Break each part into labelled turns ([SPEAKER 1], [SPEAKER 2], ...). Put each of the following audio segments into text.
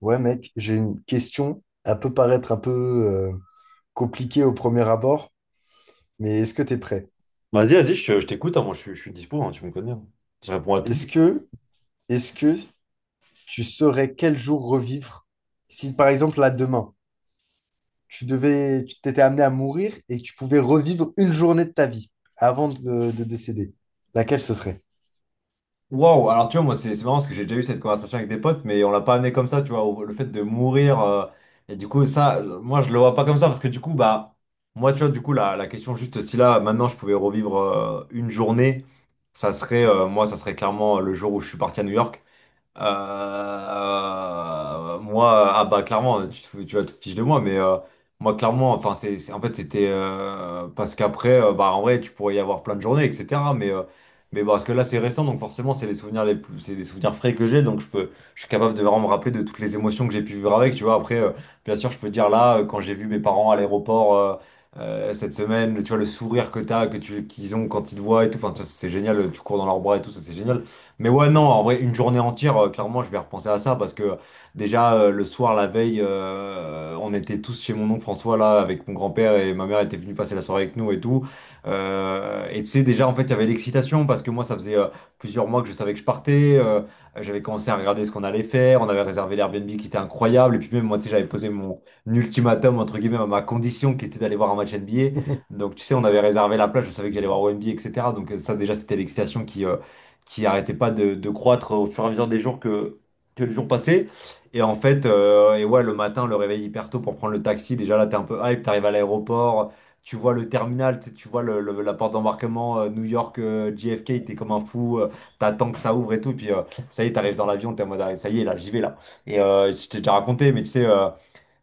[SPEAKER 1] Ouais, mec, j'ai une question. Elle peut paraître un peu compliquée au premier abord, mais est-ce que t'es prêt?
[SPEAKER 2] Je t'écoute, hein. Moi je suis dispo, hein, tu me connais, hein. Je réponds à tout.
[SPEAKER 1] Est-ce que, est-ce que tu saurais quel jour revivre si, par exemple, là, demain, tu t'étais amené à mourir et que tu pouvais revivre une journée de ta vie avant de décéder? Laquelle ce serait?
[SPEAKER 2] Wow, alors tu vois, moi c'est marrant parce que j'ai déjà eu cette conversation avec des potes, mais on l'a pas amené comme ça, tu vois, le fait de mourir. Et du coup, moi je le vois pas comme ça parce que du coup, bah, moi tu vois, du coup, la question, juste si là, maintenant je pouvais revivre une journée, ça serait, ça serait clairement le jour où je suis parti à New York. Ah bah clairement, tu vas te fiches de moi, mais moi clairement, enfin en fait c'était parce qu'après, bah en vrai, tu pourrais y avoir plein de journées, etc. Mais parce que là c'est récent, donc forcément c'est les souvenirs les plus, c'est des souvenirs frais que j'ai, donc je suis capable de vraiment me rappeler de toutes les émotions que j'ai pu vivre avec, tu vois. Après, bien sûr, je peux dire là quand j'ai vu mes parents à l'aéroport. Cette semaine, tu vois, le sourire que qu'ils ont quand ils te voient et tout, enfin, tu vois, c'est génial, tu cours dans leurs bras et tout, ça c'est génial. Mais ouais, non, en vrai, une journée entière, clairement, je vais repenser à ça parce que déjà, le soir, la veille, on était tous chez mon oncle François, là, avec mon grand-père, et ma mère était venue passer la soirée avec nous et tout. Et tu sais, déjà, en fait, il y avait l'excitation parce que moi, ça faisait plusieurs mois que je savais que je partais. J'avais commencé à regarder ce qu'on allait faire. On avait réservé l'Airbnb qui était incroyable. Et puis même, moi, tu sais, j'avais posé mon ultimatum, entre guillemets, à ma condition qui était d'aller voir un match NBA. Donc, tu sais, on avait réservé la plage, je savais que j'allais voir au NBA, etc. Donc, ça, déjà, c'était l'excitation qui arrêtait pas de croître au fur et à mesure des jours que les jours passaient. Et en fait, ouais, le matin, le réveil hyper tôt pour prendre le taxi, déjà là, t'es un peu hype, t'arrives à l'aéroport, tu vois le terminal, tu sais, tu vois la porte d'embarquement New York, JFK, t'es comme un fou, t'attends que ça ouvre et tout, et puis ça y est, t'arrives dans l'avion, t'es en mode, ah, ça y est, là, j'y vais là. Je t'ai déjà raconté, mais tu sais... euh,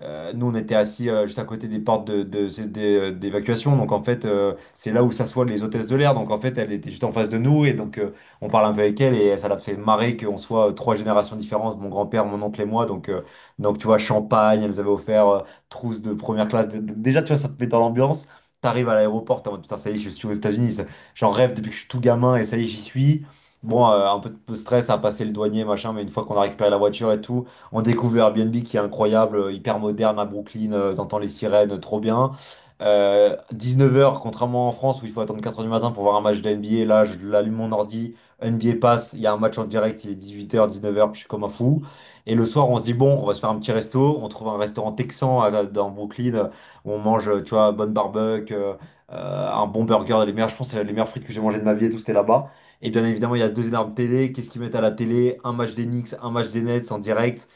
[SPEAKER 2] euh, nous, on était assis juste à côté des portes c'est des, d'évacuation. Donc, en fait, c'est là où s'assoient les hôtesses de l'air. Donc, en fait, elle était juste en face de nous. Et donc, on parle un peu avec elle. Et ça l'a fait marrer qu'on soit trois générations différentes, mon grand-père, mon oncle et moi. Donc tu vois, champagne, elle nous avait offert trousse de première classe. Déjà, tu vois, ça te met dans l'ambiance. T'arrives à l'aéroport, t'es en mode putain, ça y est, je suis aux États-Unis. J'en rêve depuis que je suis tout gamin. Et ça y est, j'y suis. Bon, un peu de stress à passer le douanier, machin. Mais une fois qu'on a récupéré la voiture et tout. On découvre le Airbnb qui est incroyable, hyper moderne à Brooklyn, t'entends les sirènes, trop bien. 19 heures, contrairement en France où il faut attendre 4 heures du matin pour voir un match de NBA, là je l'allume mon ordi, NBA passe, il y a un match en direct, il est 18 h, 19 heures, je suis comme un fou. Et le soir on se dit bon, on va se faire un petit resto, on trouve un restaurant texan dans Brooklyn où on mange, tu vois, bonne barbecue, un bon burger, les meilleurs, je pense que c'est les meilleures frites que j'ai mangées de ma vie et tout, c'était là-bas. Et bien évidemment, il y a deux énormes télés. Qu'est-ce qu'ils mettent à la télé? Un match des Knicks, un match des Nets en direct,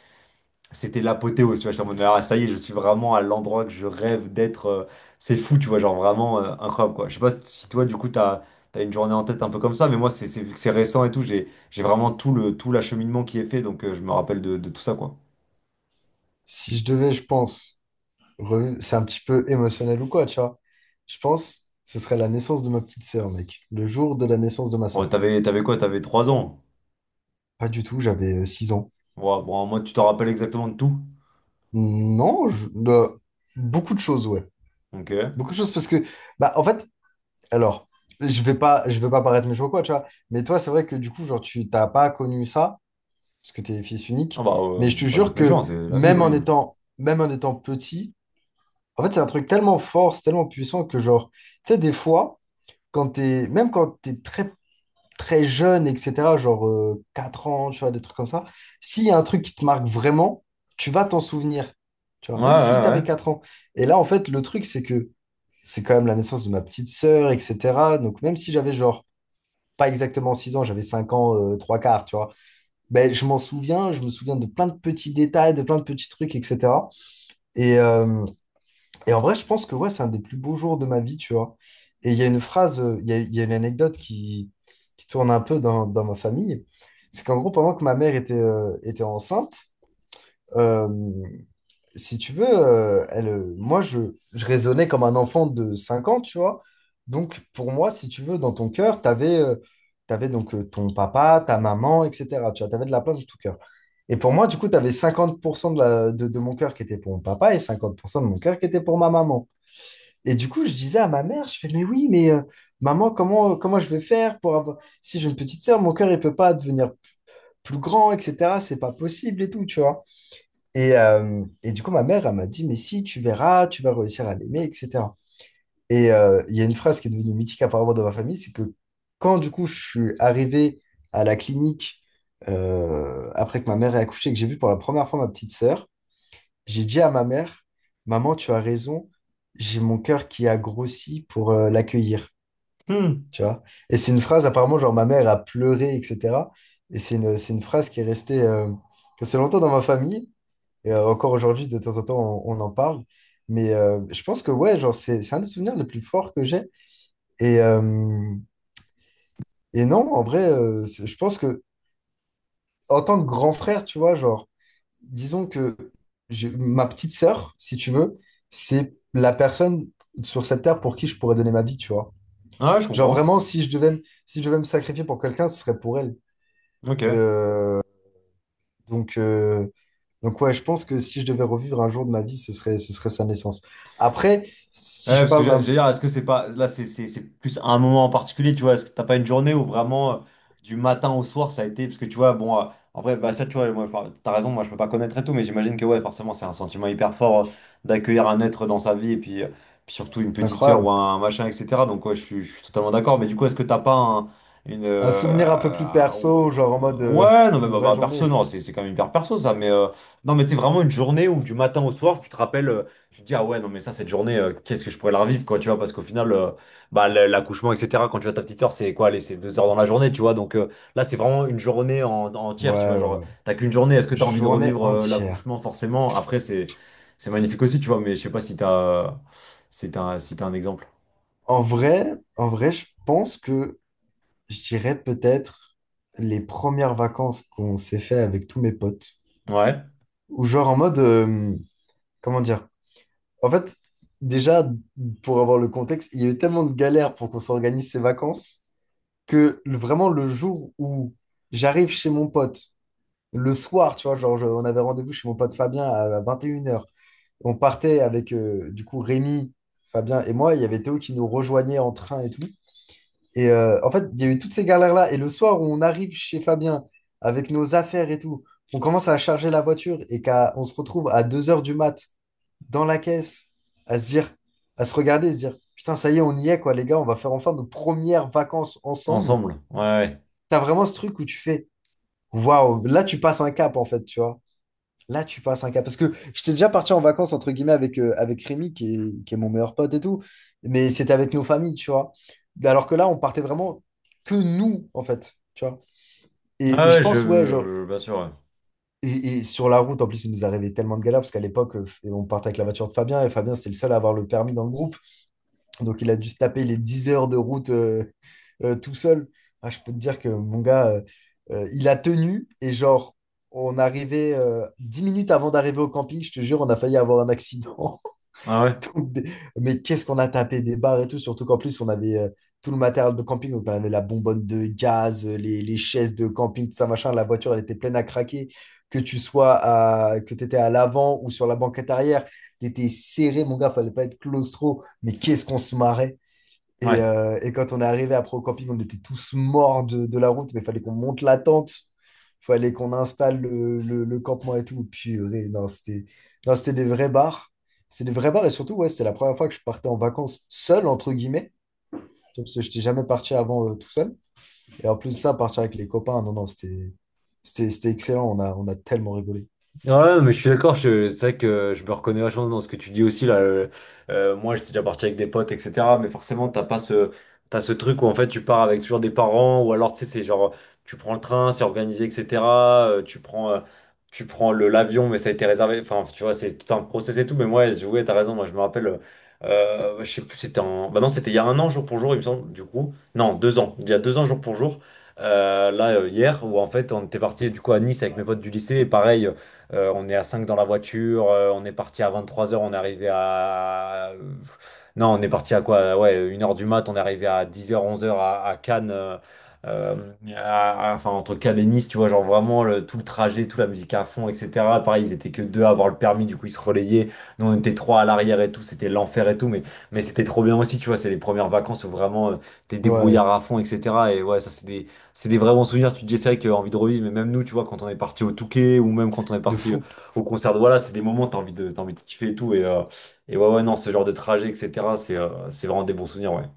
[SPEAKER 2] c'était l'apothéose, tu vois, j'étais en mode, ah, ça y est, je suis vraiment à l'endroit que je rêve d'être, c'est fou, tu vois, genre vraiment incroyable, quoi. Je sais pas si toi, du coup, t'as une journée en tête un peu comme ça, mais moi, vu que c'est récent et tout, j'ai vraiment tout le, tout l'acheminement qui est fait, donc je me rappelle de tout ça, quoi.
[SPEAKER 1] Si je devais, je pense, c'est un petit peu émotionnel ou quoi, tu vois. Je pense, ce serait la naissance de ma petite sœur, mec. Le jour de la naissance de ma
[SPEAKER 2] Bon,
[SPEAKER 1] sœur.
[SPEAKER 2] t'avais quoi? T'avais 3 ans.
[SPEAKER 1] Pas du tout, j'avais 6 ans.
[SPEAKER 2] Ouais, bon, moi, tu t'en rappelles exactement de tout.
[SPEAKER 1] Non, beaucoup de choses, ouais.
[SPEAKER 2] Ok.
[SPEAKER 1] Beaucoup de choses parce que, bah, en fait, alors, je vais pas paraître méchant ou quoi, tu vois. Mais toi, c'est vrai que du coup, genre, tu t'as pas connu ça parce que t'es fils
[SPEAKER 2] Ah
[SPEAKER 1] unique.
[SPEAKER 2] bah,
[SPEAKER 1] Mais je te
[SPEAKER 2] pas de
[SPEAKER 1] jure
[SPEAKER 2] méchant,
[SPEAKER 1] que
[SPEAKER 2] c'est la vie,
[SPEAKER 1] même
[SPEAKER 2] oui.
[SPEAKER 1] en étant, même en étant petit, en fait, c'est un truc tellement fort, c'est tellement puissant que genre, tu sais, des fois, même quand t'es très très jeune, etc., genre 4 ans, tu vois, des trucs comme ça, s'il y a un truc qui te marque vraiment, tu vas t'en souvenir, tu vois,
[SPEAKER 2] Ouais,
[SPEAKER 1] même si tu avais
[SPEAKER 2] ouais,
[SPEAKER 1] 4 ans. Et là, en fait, le truc, c'est que c'est quand même la naissance de ma petite sœur, etc. Donc, même si j'avais genre pas exactement 6 ans, j'avais 5 ans, 3 quarts, tu vois, ben, je m'en souviens, je me souviens de plein de petits détails, de plein de petits trucs, etc. Et, euh, et en vrai, je pense que ouais, c'est un des plus beaux jours de ma vie, tu vois. Et il y a une phrase, il y a une anecdote qui tourne un peu dans ma famille. C'est qu'en gros, pendant que ma mère était enceinte, euh, si tu veux, moi, je raisonnais comme un enfant de 5 ans, tu vois. Donc, pour moi, si tu veux, dans ton cœur, tu avais, donc ton papa, ta maman, etc. Tu vois, tu avais de la place dans ton cœur. Et pour moi, du coup, tu avais 50% de mon cœur qui était pour mon papa et 50% de mon cœur qui était pour ma maman. Et du coup, je disais à ma mère, je fais, mais oui, mais maman, comment je vais faire pour avoir... Si j'ai une petite sœur, mon cœur, il peut pas devenir plus grand, etc. C'est pas possible et tout, tu vois. Et du coup, ma mère, elle m'a dit, mais si, tu verras, tu vas réussir à l'aimer, etc. Et il y a une phrase qui est devenue mythique apparemment dans ma famille, c'est que quand du coup, je suis arrivé à la clinique après que ma mère ait accouché et que j'ai vu pour la première fois ma petite sœur, j'ai dit à ma mère, Maman, tu as raison, j'ai mon cœur qui a grossi pour l'accueillir.
[SPEAKER 2] ouais. Hmm.
[SPEAKER 1] Tu vois? Et c'est une phrase, apparemment, genre ma mère a pleuré, etc. Et c'est une phrase qui est restée assez longtemps dans ma famille. Et encore aujourd'hui, de temps en temps, on en parle. Mais je pense que, ouais, genre, c'est un des souvenirs les plus forts que j'ai. Et, euh, et non, en vrai, je pense que, en tant que grand frère, tu vois, genre, disons que ma petite sœur, si tu veux, c'est la personne sur cette terre pour qui je pourrais donner ma vie, tu vois.
[SPEAKER 2] Ouais, je
[SPEAKER 1] Genre
[SPEAKER 2] comprends.
[SPEAKER 1] vraiment, si je devais me sacrifier pour quelqu'un, ce serait pour elle.
[SPEAKER 2] Ok.
[SPEAKER 1] Euh, donc, euh, donc ouais, je pense que si je devais revivre un jour de ma vie, ce serait sa naissance. Après,
[SPEAKER 2] Ouais,
[SPEAKER 1] si je
[SPEAKER 2] parce que
[SPEAKER 1] parle
[SPEAKER 2] j'allais
[SPEAKER 1] d'un,
[SPEAKER 2] dire, est-ce que c'est pas là, c'est plus un moment en particulier, tu vois? Est-ce que t'as pas une journée où vraiment du matin au soir ça a été? Parce que tu vois, bon, en vrai, bah ça, tu vois, moi, enfin, t'as raison, moi je peux pas connaître et tout, mais j'imagine que ouais, forcément, c'est un sentiment hyper fort d'accueillir un être dans sa vie et puis, puis surtout une
[SPEAKER 1] c'est
[SPEAKER 2] petite sœur ou
[SPEAKER 1] incroyable,
[SPEAKER 2] un machin, etc. Donc, ouais, je suis totalement d'accord, mais du coup, est-ce que t'as pas un- une.
[SPEAKER 1] un souvenir un peu plus perso, genre en mode
[SPEAKER 2] Ouais, non, mais
[SPEAKER 1] une vraie
[SPEAKER 2] perso,
[SPEAKER 1] journée.
[SPEAKER 2] non, c'est quand même hyper perso ça, non, mais c'est vraiment une journée où du matin au soir, tu te rappelles. Tu te dis, ah ouais, non, mais ça, cette journée, qu'est-ce que je pourrais la revivre, quoi, tu vois, parce qu'au final, bah, l'accouchement, etc., quand tu as ta petite soeur, c'est quoi, allez, c'est deux heures dans la journée, tu vois, donc là, c'est vraiment une journée entière, tu
[SPEAKER 1] Ouais,
[SPEAKER 2] vois,
[SPEAKER 1] ouais,
[SPEAKER 2] genre,
[SPEAKER 1] ouais.
[SPEAKER 2] t'as qu'une journée, est-ce que t'as envie de
[SPEAKER 1] Journée
[SPEAKER 2] revivre
[SPEAKER 1] entière.
[SPEAKER 2] l'accouchement, forcément? Après, c'est magnifique aussi, tu vois, mais je sais pas si t'as si t'as un exemple.
[SPEAKER 1] En vrai, je pense que je dirais peut-être les premières vacances qu'on s'est fait avec tous mes potes.
[SPEAKER 2] Ouais,
[SPEAKER 1] Ou genre en mode, comment dire? En fait, déjà, pour avoir le contexte, il y a eu tellement de galères pour qu'on s'organise ces vacances que vraiment le jour où j'arrive chez mon pote, le soir, tu vois, genre on avait rendez-vous chez mon pote Fabien à 21 heures. On partait avec du coup Rémi, Fabien et moi. Il y avait Théo qui nous rejoignait en train et tout. Et en fait, il y a eu toutes ces galères-là. Et le soir où on arrive chez Fabien avec nos affaires et tout, on commence à charger la voiture et on se retrouve à 2 heures du mat dans la caisse à se dire, à se regarder et se dire, putain, ça y est, on y est, quoi, les gars, on va faire enfin nos premières vacances ensemble.
[SPEAKER 2] ensemble, ouais, ouais,
[SPEAKER 1] T'as vraiment ce truc où tu fais, waouh, là, tu passes un cap, en fait, tu vois. Là, tu passes un cap. Parce que j'étais déjà parti en vacances, entre guillemets, avec Rémi, qui est mon meilleur pote et tout. Mais c'était avec nos familles, tu vois. Alors que là, on partait vraiment que nous, en fait. Tu vois.
[SPEAKER 2] ouais,
[SPEAKER 1] Et je
[SPEAKER 2] ouais,
[SPEAKER 1] pense, ouais, genre.
[SPEAKER 2] bien sûr,
[SPEAKER 1] Et sur la route, en plus, il nous arrivait tellement de galères, parce qu'à l'époque, on partait avec la voiture de Fabien, et Fabien, c'était le seul à avoir le permis dans le groupe. Donc, il a dû se taper les 10 heures de route tout seul. Ah, je peux te dire que mon gars, il a tenu et genre, on arrivait 10 minutes avant d'arriver au camping, je te jure, on a failli avoir un accident.
[SPEAKER 2] ouais, ouais,
[SPEAKER 1] Donc, des- Mais qu'est-ce qu'on a tapé des barres et tout, surtout qu'en plus, on avait tout le matériel de camping. Donc, on avait la bonbonne de gaz, les chaises de camping, tout ça, machin. La voiture, elle était pleine à craquer. Que tu étais à l'avant ou sur la banquette arrière, tu étais serré, mon gars, fallait pas être claustro. Mais qu'est-ce qu'on se marrait.
[SPEAKER 2] ouais.
[SPEAKER 1] Et,
[SPEAKER 2] Ouais.
[SPEAKER 1] euh, et quand on est arrivé après au camping, on était tous morts de la route, mais il fallait qu'on monte la tente, il fallait qu'on installe le campement et tout. Purée, non, c'était non, c'était des vrais bars. C'était des vrais bars et surtout, ouais, c'était la première fois que je partais en vacances seul, entre guillemets, parce que je n'étais jamais parti avant tout seul. Et en plus de ça, partir avec les copains, non, non, c'était excellent, on a tellement rigolé.
[SPEAKER 2] Ouais, mais je suis d'accord, c'est vrai que je me reconnais vachement dans ce que tu dis aussi là. Moi, j'étais déjà parti avec des potes, etc. Mais forcément, t'as pas ce, t'as ce truc où en fait tu pars avec toujours des parents, ou alors tu sais, c'est genre tu prends le train, c'est organisé, etc. euh, tu prends, euh, Tu prends le l'avion, mais ça a été réservé. Enfin, tu vois, c'est tout un process et tout. Mais moi, ouais, t'as raison. Moi, je me rappelle, je sais plus, bah non, c'était il y a un an jour pour jour, il me semble. Du coup, non, deux ans. Il y a deux ans jour pour jour. Hier, où en fait, on était parti du coup à Nice avec mes potes du lycée, et pareil. On est à 5 dans la voiture. On est parti à 23 heures. On est arrivé à. Non, on est parti à quoi? Ouais, une heure du mat. On est arrivé à 10 heures, 11 heures à Cannes. Euh, enfin, entre Cannes et Nice, tu vois, genre vraiment tout le trajet, toute la musique à fond, etc. Pareil, ils étaient que deux à avoir le permis, du coup, ils se relayaient. Nous, on était trois à l'arrière et tout. C'était l'enfer et tout. Mais c'était trop bien aussi, tu vois. C'est les premières vacances où vraiment t'es
[SPEAKER 1] Ouais,
[SPEAKER 2] débrouillard à fond, etc. Et ouais, ça, c'est des vrais bons souvenirs. Tu te dis, c'est vrai que envie de revivre, mais même nous, tu vois, quand on est parti au Touquet ou même quand on est
[SPEAKER 1] de
[SPEAKER 2] parti
[SPEAKER 1] fou.
[SPEAKER 2] au concert de voilà, c'est des moments, t'as envie de kiffer et tout. Et ouais, ouais, non, ce genre de trajet, etc., c'est vraiment des bons souvenirs, ouais.